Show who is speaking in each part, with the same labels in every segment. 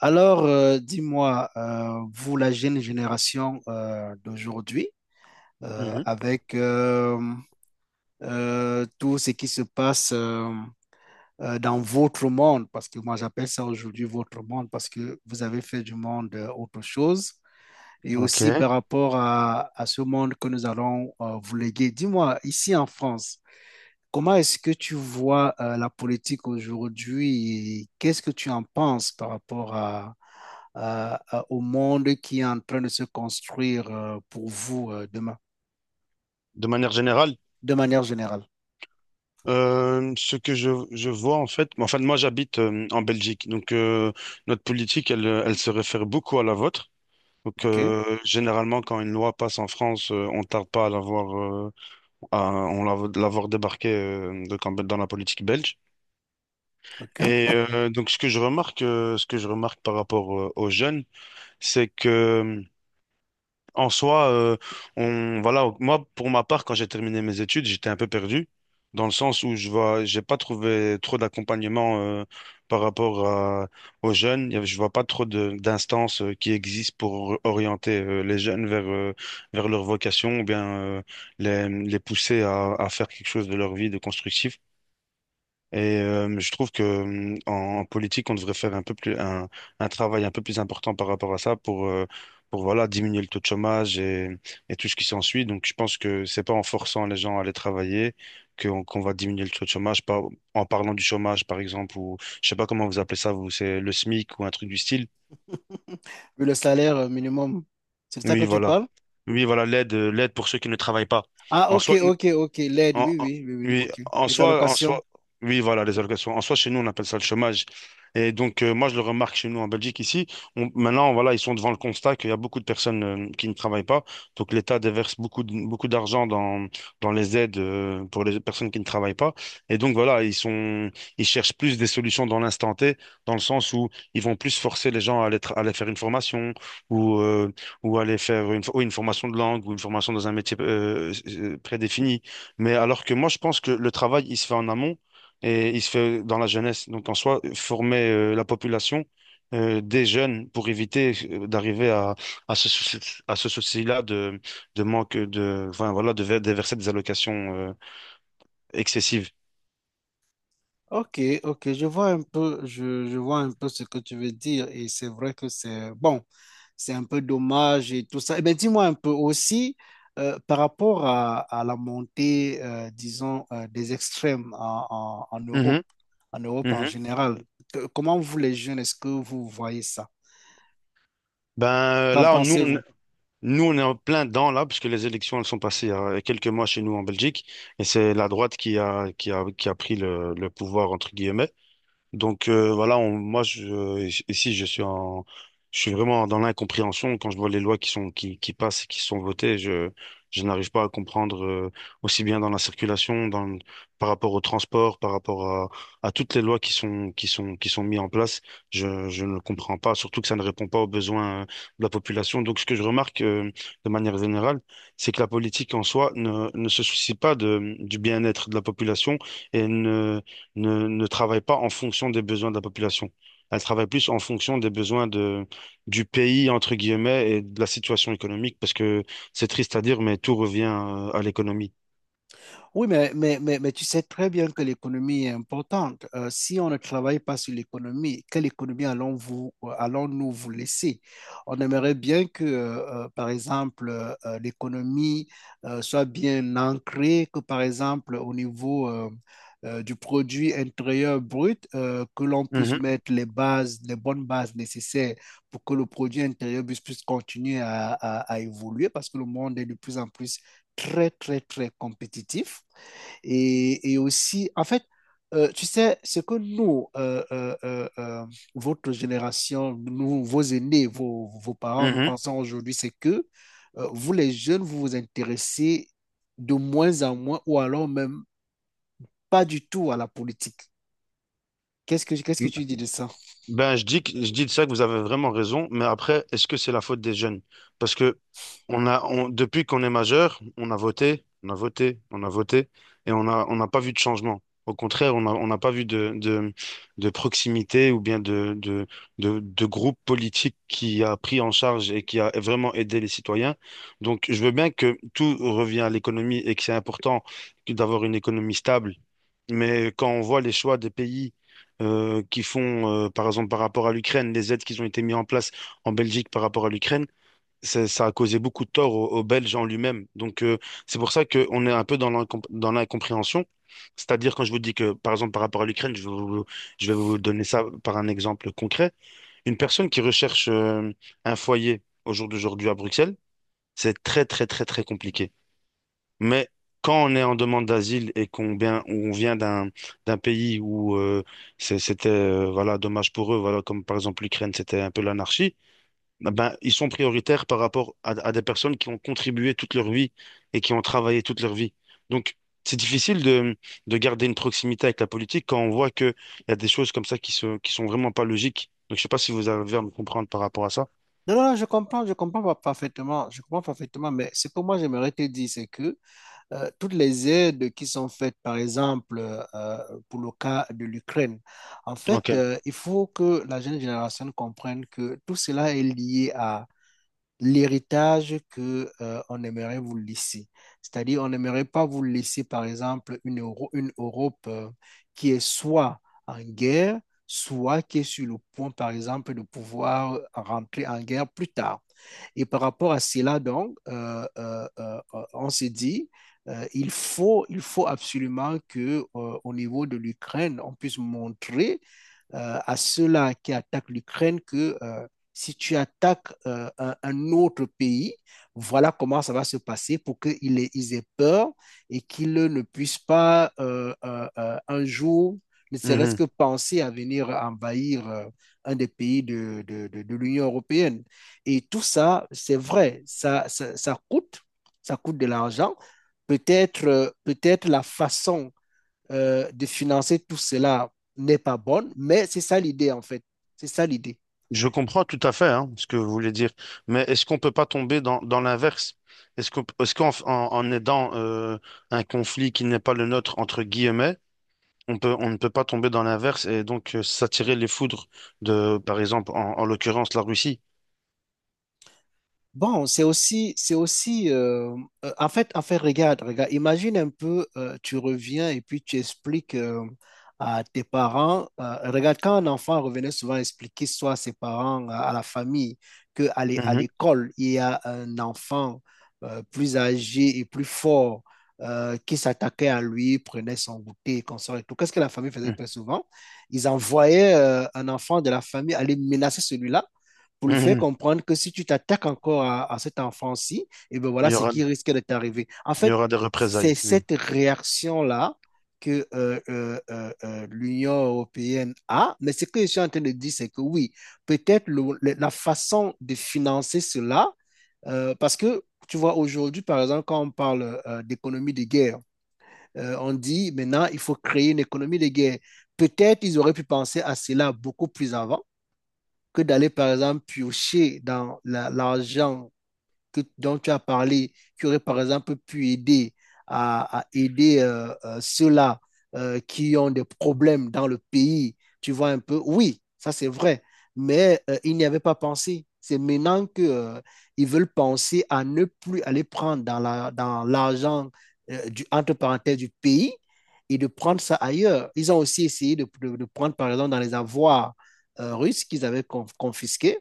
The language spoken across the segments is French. Speaker 1: Alors, dis-moi, vous, la jeune génération d'aujourd'hui, euh,
Speaker 2: Mhm.
Speaker 1: avec euh, euh, tout ce qui se passe dans votre monde, parce que moi j'appelle ça aujourd'hui votre monde, parce que vous avez fait du monde autre chose, et aussi
Speaker 2: Ok.
Speaker 1: par rapport à ce monde que nous allons vous léguer. Dis-moi, ici en France, comment est-ce que tu vois la politique aujourd'hui et qu'est-ce que tu en penses par rapport au monde qui est en train de se construire pour vous demain,
Speaker 2: De manière générale,
Speaker 1: de manière générale?
Speaker 2: ce que je vois en fait, enfin moi j'habite en Belgique, notre politique elle, elle se réfère beaucoup à la vôtre.
Speaker 1: OK,
Speaker 2: Généralement quand une loi passe en France, on tarde pas à l'avoir euh, l'avoir débarqué donc, dans la politique belge. Et
Speaker 1: OK.
Speaker 2: donc ce que je remarque, ce que je remarque par rapport aux jeunes, c'est que en soi, on, voilà, moi, pour ma part, quand j'ai terminé mes études, j'étais un peu perdu, dans le sens où je vois, j'ai pas trouvé trop d'accompagnement par rapport aux jeunes. Je vois pas trop d'instances qui existent pour orienter les jeunes vers, vers leur vocation ou bien euh, les pousser à faire quelque chose de leur vie de constructif. Et je trouve que en politique, on devrait faire un peu plus un travail un peu plus important par rapport à ça pour voilà diminuer le taux de chômage et tout ce qui s'ensuit. Donc je pense que c'est pas en forçant les gens à aller travailler qu'on va diminuer le taux de chômage, pas en parlant du chômage par exemple ou je sais pas comment vous appelez ça, vous c'est le SMIC ou un truc du style.
Speaker 1: Vu le salaire minimum, c'est de ça que
Speaker 2: Oui,
Speaker 1: tu
Speaker 2: voilà.
Speaker 1: parles?
Speaker 2: Oui, voilà l'aide l'aide pour ceux qui ne travaillent pas.
Speaker 1: Ah,
Speaker 2: En
Speaker 1: OK,
Speaker 2: soi,
Speaker 1: OK, OK. L'aide,
Speaker 2: En,
Speaker 1: oui,
Speaker 2: en-
Speaker 1: oui, oui, oui,
Speaker 2: oui,
Speaker 1: OK.
Speaker 2: en
Speaker 1: Les
Speaker 2: soi, en
Speaker 1: allocations.
Speaker 2: soi, oui, voilà, les allocations. En soi, chez nous, on appelle ça le chômage. Et donc, moi, je le remarque chez nous en Belgique, ici. Maintenant, voilà, ils sont devant le constat qu'il y a beaucoup de personnes qui ne travaillent pas. Donc, l'État déverse beaucoup, beaucoup d'argent dans, dans les aides pour les personnes qui ne travaillent pas. Et donc, voilà, ils sont, ils cherchent plus des solutions dans l'instant T, dans le sens où ils vont plus forcer les gens à aller, à aller faire une formation ou, euh, ou aller faire une, oui, une formation de langue ou une formation dans un métier prédéfini. Mais alors que moi, je pense que le travail, il se fait en amont et il se fait dans la jeunesse. Donc, en soi, former la population des jeunes pour éviter d'arriver à ce souci, à ce souci-là de manque de, enfin, voilà, de déverser des allocations excessives.
Speaker 1: Ok, ok, je vois un peu, je vois un peu ce que tu veux dire et c'est vrai que c'est bon, c'est un peu dommage et tout ça. Eh bien, dis-moi un peu aussi par rapport à la montée, disons, des extrêmes en Europe,
Speaker 2: Mhm,
Speaker 1: en Europe en
Speaker 2: mhm.
Speaker 1: général. Que- comment vous les jeunes, est-ce que vous voyez ça?
Speaker 2: Ben
Speaker 1: Qu'en
Speaker 2: là, on- nous, on-
Speaker 1: pensez-vous?
Speaker 2: nous, on est en plein dedans là, puisque les élections elles sont passées il y a quelques mois chez nous en Belgique, et c'est la droite qui a pris le pouvoir entre guillemets. Voilà, ici je suis en, je suis vraiment dans l'incompréhension quand je vois les lois qui passent et qui sont votées. Je n'arrive pas à comprendre aussi bien dans la circulation, par rapport au transport, par rapport à toutes les lois qui sont mises en place. Je ne comprends pas, surtout que ça ne répond pas aux besoins de la population. Donc ce que je remarque de manière générale, c'est que la politique en soi ne se soucie pas de du bien-être de la population et ne travaille pas en fonction des besoins de la population. Elle travaille plus en fonction des besoins de, du pays, entre guillemets, et de la situation économique, parce que c'est triste à dire, mais tout revient à l'économie.
Speaker 1: Oui, mais tu sais très bien que l'économie est importante. Si on ne travaille pas sur l'économie, quelle économie allons vous, allons-nous vous laisser? On aimerait bien que, par exemple, l'économie soit bien ancrée, que, par exemple, au niveau du produit intérieur brut, que l'on puisse
Speaker 2: Mhm,
Speaker 1: mettre les bases, les bonnes bases nécessaires pour que le produit intérieur puisse continuer à évoluer, parce que le monde est de plus en plus très, très, très compétitif. Et aussi, en fait, tu sais, ce que nous, votre génération, nous, vos aînés, vos parents, nous
Speaker 2: mhm.
Speaker 1: pensons aujourd'hui, c'est que vous, les jeunes, vous vous intéressez de moins en moins ou alors même pas du tout à la politique. Qu'est-ce que tu dis de ça?
Speaker 2: Ben, je dis, je dis de ça que vous avez vraiment raison, mais après, est-ce que c'est la faute des jeunes? Parce que depuis qu'on est majeur, on a voté, et on n'a pas vu de changement. Au contraire, on n'a pas vu de proximité ou bien de groupe politique qui a pris en charge et qui a vraiment aidé les citoyens. Donc, je veux bien que tout revient à l'économie et que c'est important que d'avoir une économie stable mais quand on voit les choix des pays qui font, par exemple, par rapport à l'Ukraine, les aides qui ont été mises en place en Belgique par rapport à l'Ukraine, ça a causé beaucoup de tort aux, aux Belges en lui-même. Donc, c'est pour ça qu'on est un peu dans l'incompréhension. C'est-à-dire, quand je vous dis que, par exemple, par rapport à l'Ukraine, je vais vous donner ça par un exemple concret. Une personne qui recherche un foyer au jour d'aujourd'hui à Bruxelles, c'est très, très, très, très compliqué. Mais quand on est en demande d'asile et qu'on vient, on vient d'un d'un pays où c'était voilà dommage pour eux, voilà comme par exemple l'Ukraine, c'était un peu l'anarchie. Ah ben ils sont prioritaires par rapport à des personnes qui ont contribué toute leur vie et qui ont travaillé toute leur vie. Donc c'est difficile de garder une proximité avec la politique quand on voit que il y a des choses comme ça qui sont vraiment pas logiques. Donc je sais pas si vous arrivez à me comprendre par rapport à ça.
Speaker 1: Non, non, non, je comprends pas parfaitement, je comprends parfaitement, mais ce que moi, j'aimerais te dire, c'est que toutes les aides qui sont faites, par exemple, pour le cas de l'Ukraine. En fait,
Speaker 2: Ok.
Speaker 1: il faut que la jeune génération comprenne que tout cela est lié à l'héritage que on aimerait vous laisser. C'est-à-dire, on n'aimerait pas vous laisser, par exemple, une Europe qui est soit en guerre, soit qui est sur le point, par exemple, de pouvoir rentrer en guerre plus tard. Et par rapport à cela, donc, on s'est dit, il faut absolument que, au niveau de l'Ukraine, on puisse montrer à ceux-là qui attaquent l'Ukraine que si tu attaques un, autre pays, voilà comment ça va se passer pour ils aient peur et qu'ils ne puissent pas un jour, ne serait-ce que penser à venir envahir un des pays de l'Union européenne. Et tout ça, c'est vrai, ça coûte, ça coûte de l'argent. Peut-être la façon de financer tout cela n'est pas bonne, mais c'est ça l'idée en fait. C'est ça l'idée.
Speaker 2: Je comprends tout à fait hein, ce que vous voulez dire, mais est-ce qu'on peut pas tomber dans, dans l'inverse? Est-ce qu'en en, en aidant un conflit qui n'est pas le nôtre, entre guillemets, on ne peut pas tomber dans l'inverse et donc s'attirer les foudres de, par exemple, en l'occurrence, la Russie?
Speaker 1: Bon, c'est aussi, en fait, regarde, regarde, imagine un peu, tu reviens et puis tu expliques à tes parents, regarde, quand un enfant revenait souvent expliquer soit à ses parents, à la famille, que à
Speaker 2: Mhm.
Speaker 1: l'école, il y a un enfant plus âgé et plus fort qui s'attaquait à lui, prenait son goûter, consort et tout. Qu'est-ce que la famille faisait très souvent? Ils envoyaient un enfant de la famille aller menacer celui-là pour lui faire
Speaker 2: Mhm.
Speaker 1: comprendre que si tu t'attaques encore à cet enfant-ci, et ben voilà
Speaker 2: Il y
Speaker 1: ce
Speaker 2: aura,
Speaker 1: qui risque de t'arriver. En
Speaker 2: il y
Speaker 1: fait,
Speaker 2: aura des
Speaker 1: c'est
Speaker 2: représailles, oui.
Speaker 1: cette réaction-là que l'Union européenne a, mais ce que je suis en train de dire, c'est que oui, peut-être la façon de financer cela, parce que tu vois, aujourd'hui, par exemple, quand on parle d'économie de guerre, on dit maintenant, il faut créer une économie de guerre. Peut-être ils auraient pu penser à cela beaucoup plus avant que d'aller, par exemple, piocher l'argent dont tu as parlé, qui aurait par exemple pu aider à aider ceux-là qui ont des problèmes dans le pays. Tu vois un peu, oui, ça c'est vrai, mais ils n'y avaient pas pensé. C'est maintenant qu'ils ils veulent penser à ne plus aller prendre dans l'argent du, entre parenthèses du pays et de prendre ça ailleurs. Ils ont aussi essayé de prendre, par exemple, dans les avoirs russes qu'ils avaient confisqués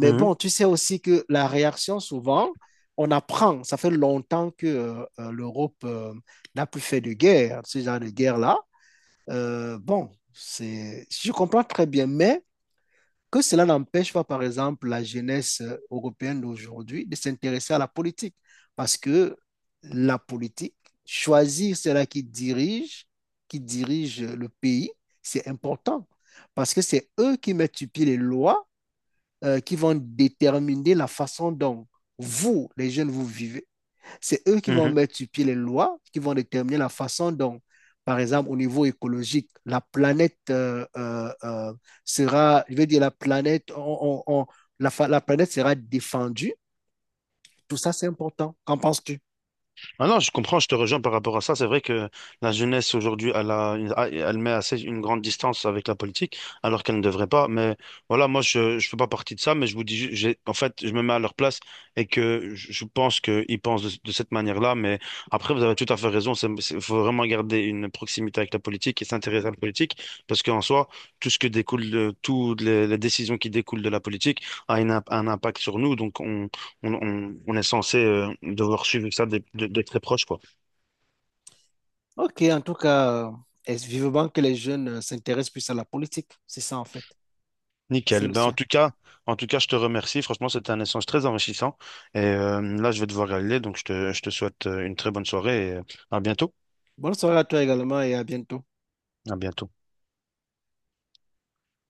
Speaker 1: mais
Speaker 2: Mhm.
Speaker 1: bon, tu sais aussi que la réaction, souvent, on apprend. Ça fait longtemps que l'Europe n'a plus fait de guerre, ce genre de guerre-là. Bon, c'est, je comprends très bien, mais que cela n'empêche pas, par exemple, la jeunesse européenne d'aujourd'hui de s'intéresser à la politique. Parce que la politique, choisir cela qui dirige le pays, c'est important. Parce que c'est eux qui mettent sur pied les lois qui vont déterminer la façon dont vous, les jeunes, vous vivez. C'est eux qui vont
Speaker 2: Mhm.
Speaker 1: mettre sur pied les lois, qui vont déterminer la façon dont, par exemple, au niveau écologique, la planète sera, je veux dire, la planète, la planète sera défendue. Tout ça, c'est important. Qu'en penses-tu?
Speaker 2: Ah non, je comprends, je te rejoins par rapport à ça. C'est vrai que la jeunesse aujourd'hui, elle met assez une grande distance avec la politique, alors qu'elle ne devrait pas. Mais voilà, moi, je ne fais pas partie de ça, mais je vous dis, en fait, je me mets à leur place et que je pense qu'ils pensent de cette manière-là. Mais après, vous avez tout à fait raison. Il faut vraiment garder une proximité avec la politique et s'intéresser à la politique, parce qu'en soi, tout ce que découle, toutes les décisions qui découlent de la politique a une un impact sur nous. Donc, on est censé devoir suivre ça de, de très proche, quoi.
Speaker 1: Ok, en tout cas, est vivement que les jeunes s'intéressent plus à la politique. C'est ça, en fait. C'est
Speaker 2: Nickel.
Speaker 1: le
Speaker 2: Ben,
Speaker 1: souhait.
Speaker 2: en tout cas, je te remercie. Franchement, c'était un échange très enrichissant. Et là, je vais devoir y aller, donc je te souhaite une très bonne soirée et à bientôt.
Speaker 1: Bonne soirée à toi également et à bientôt.
Speaker 2: À bientôt.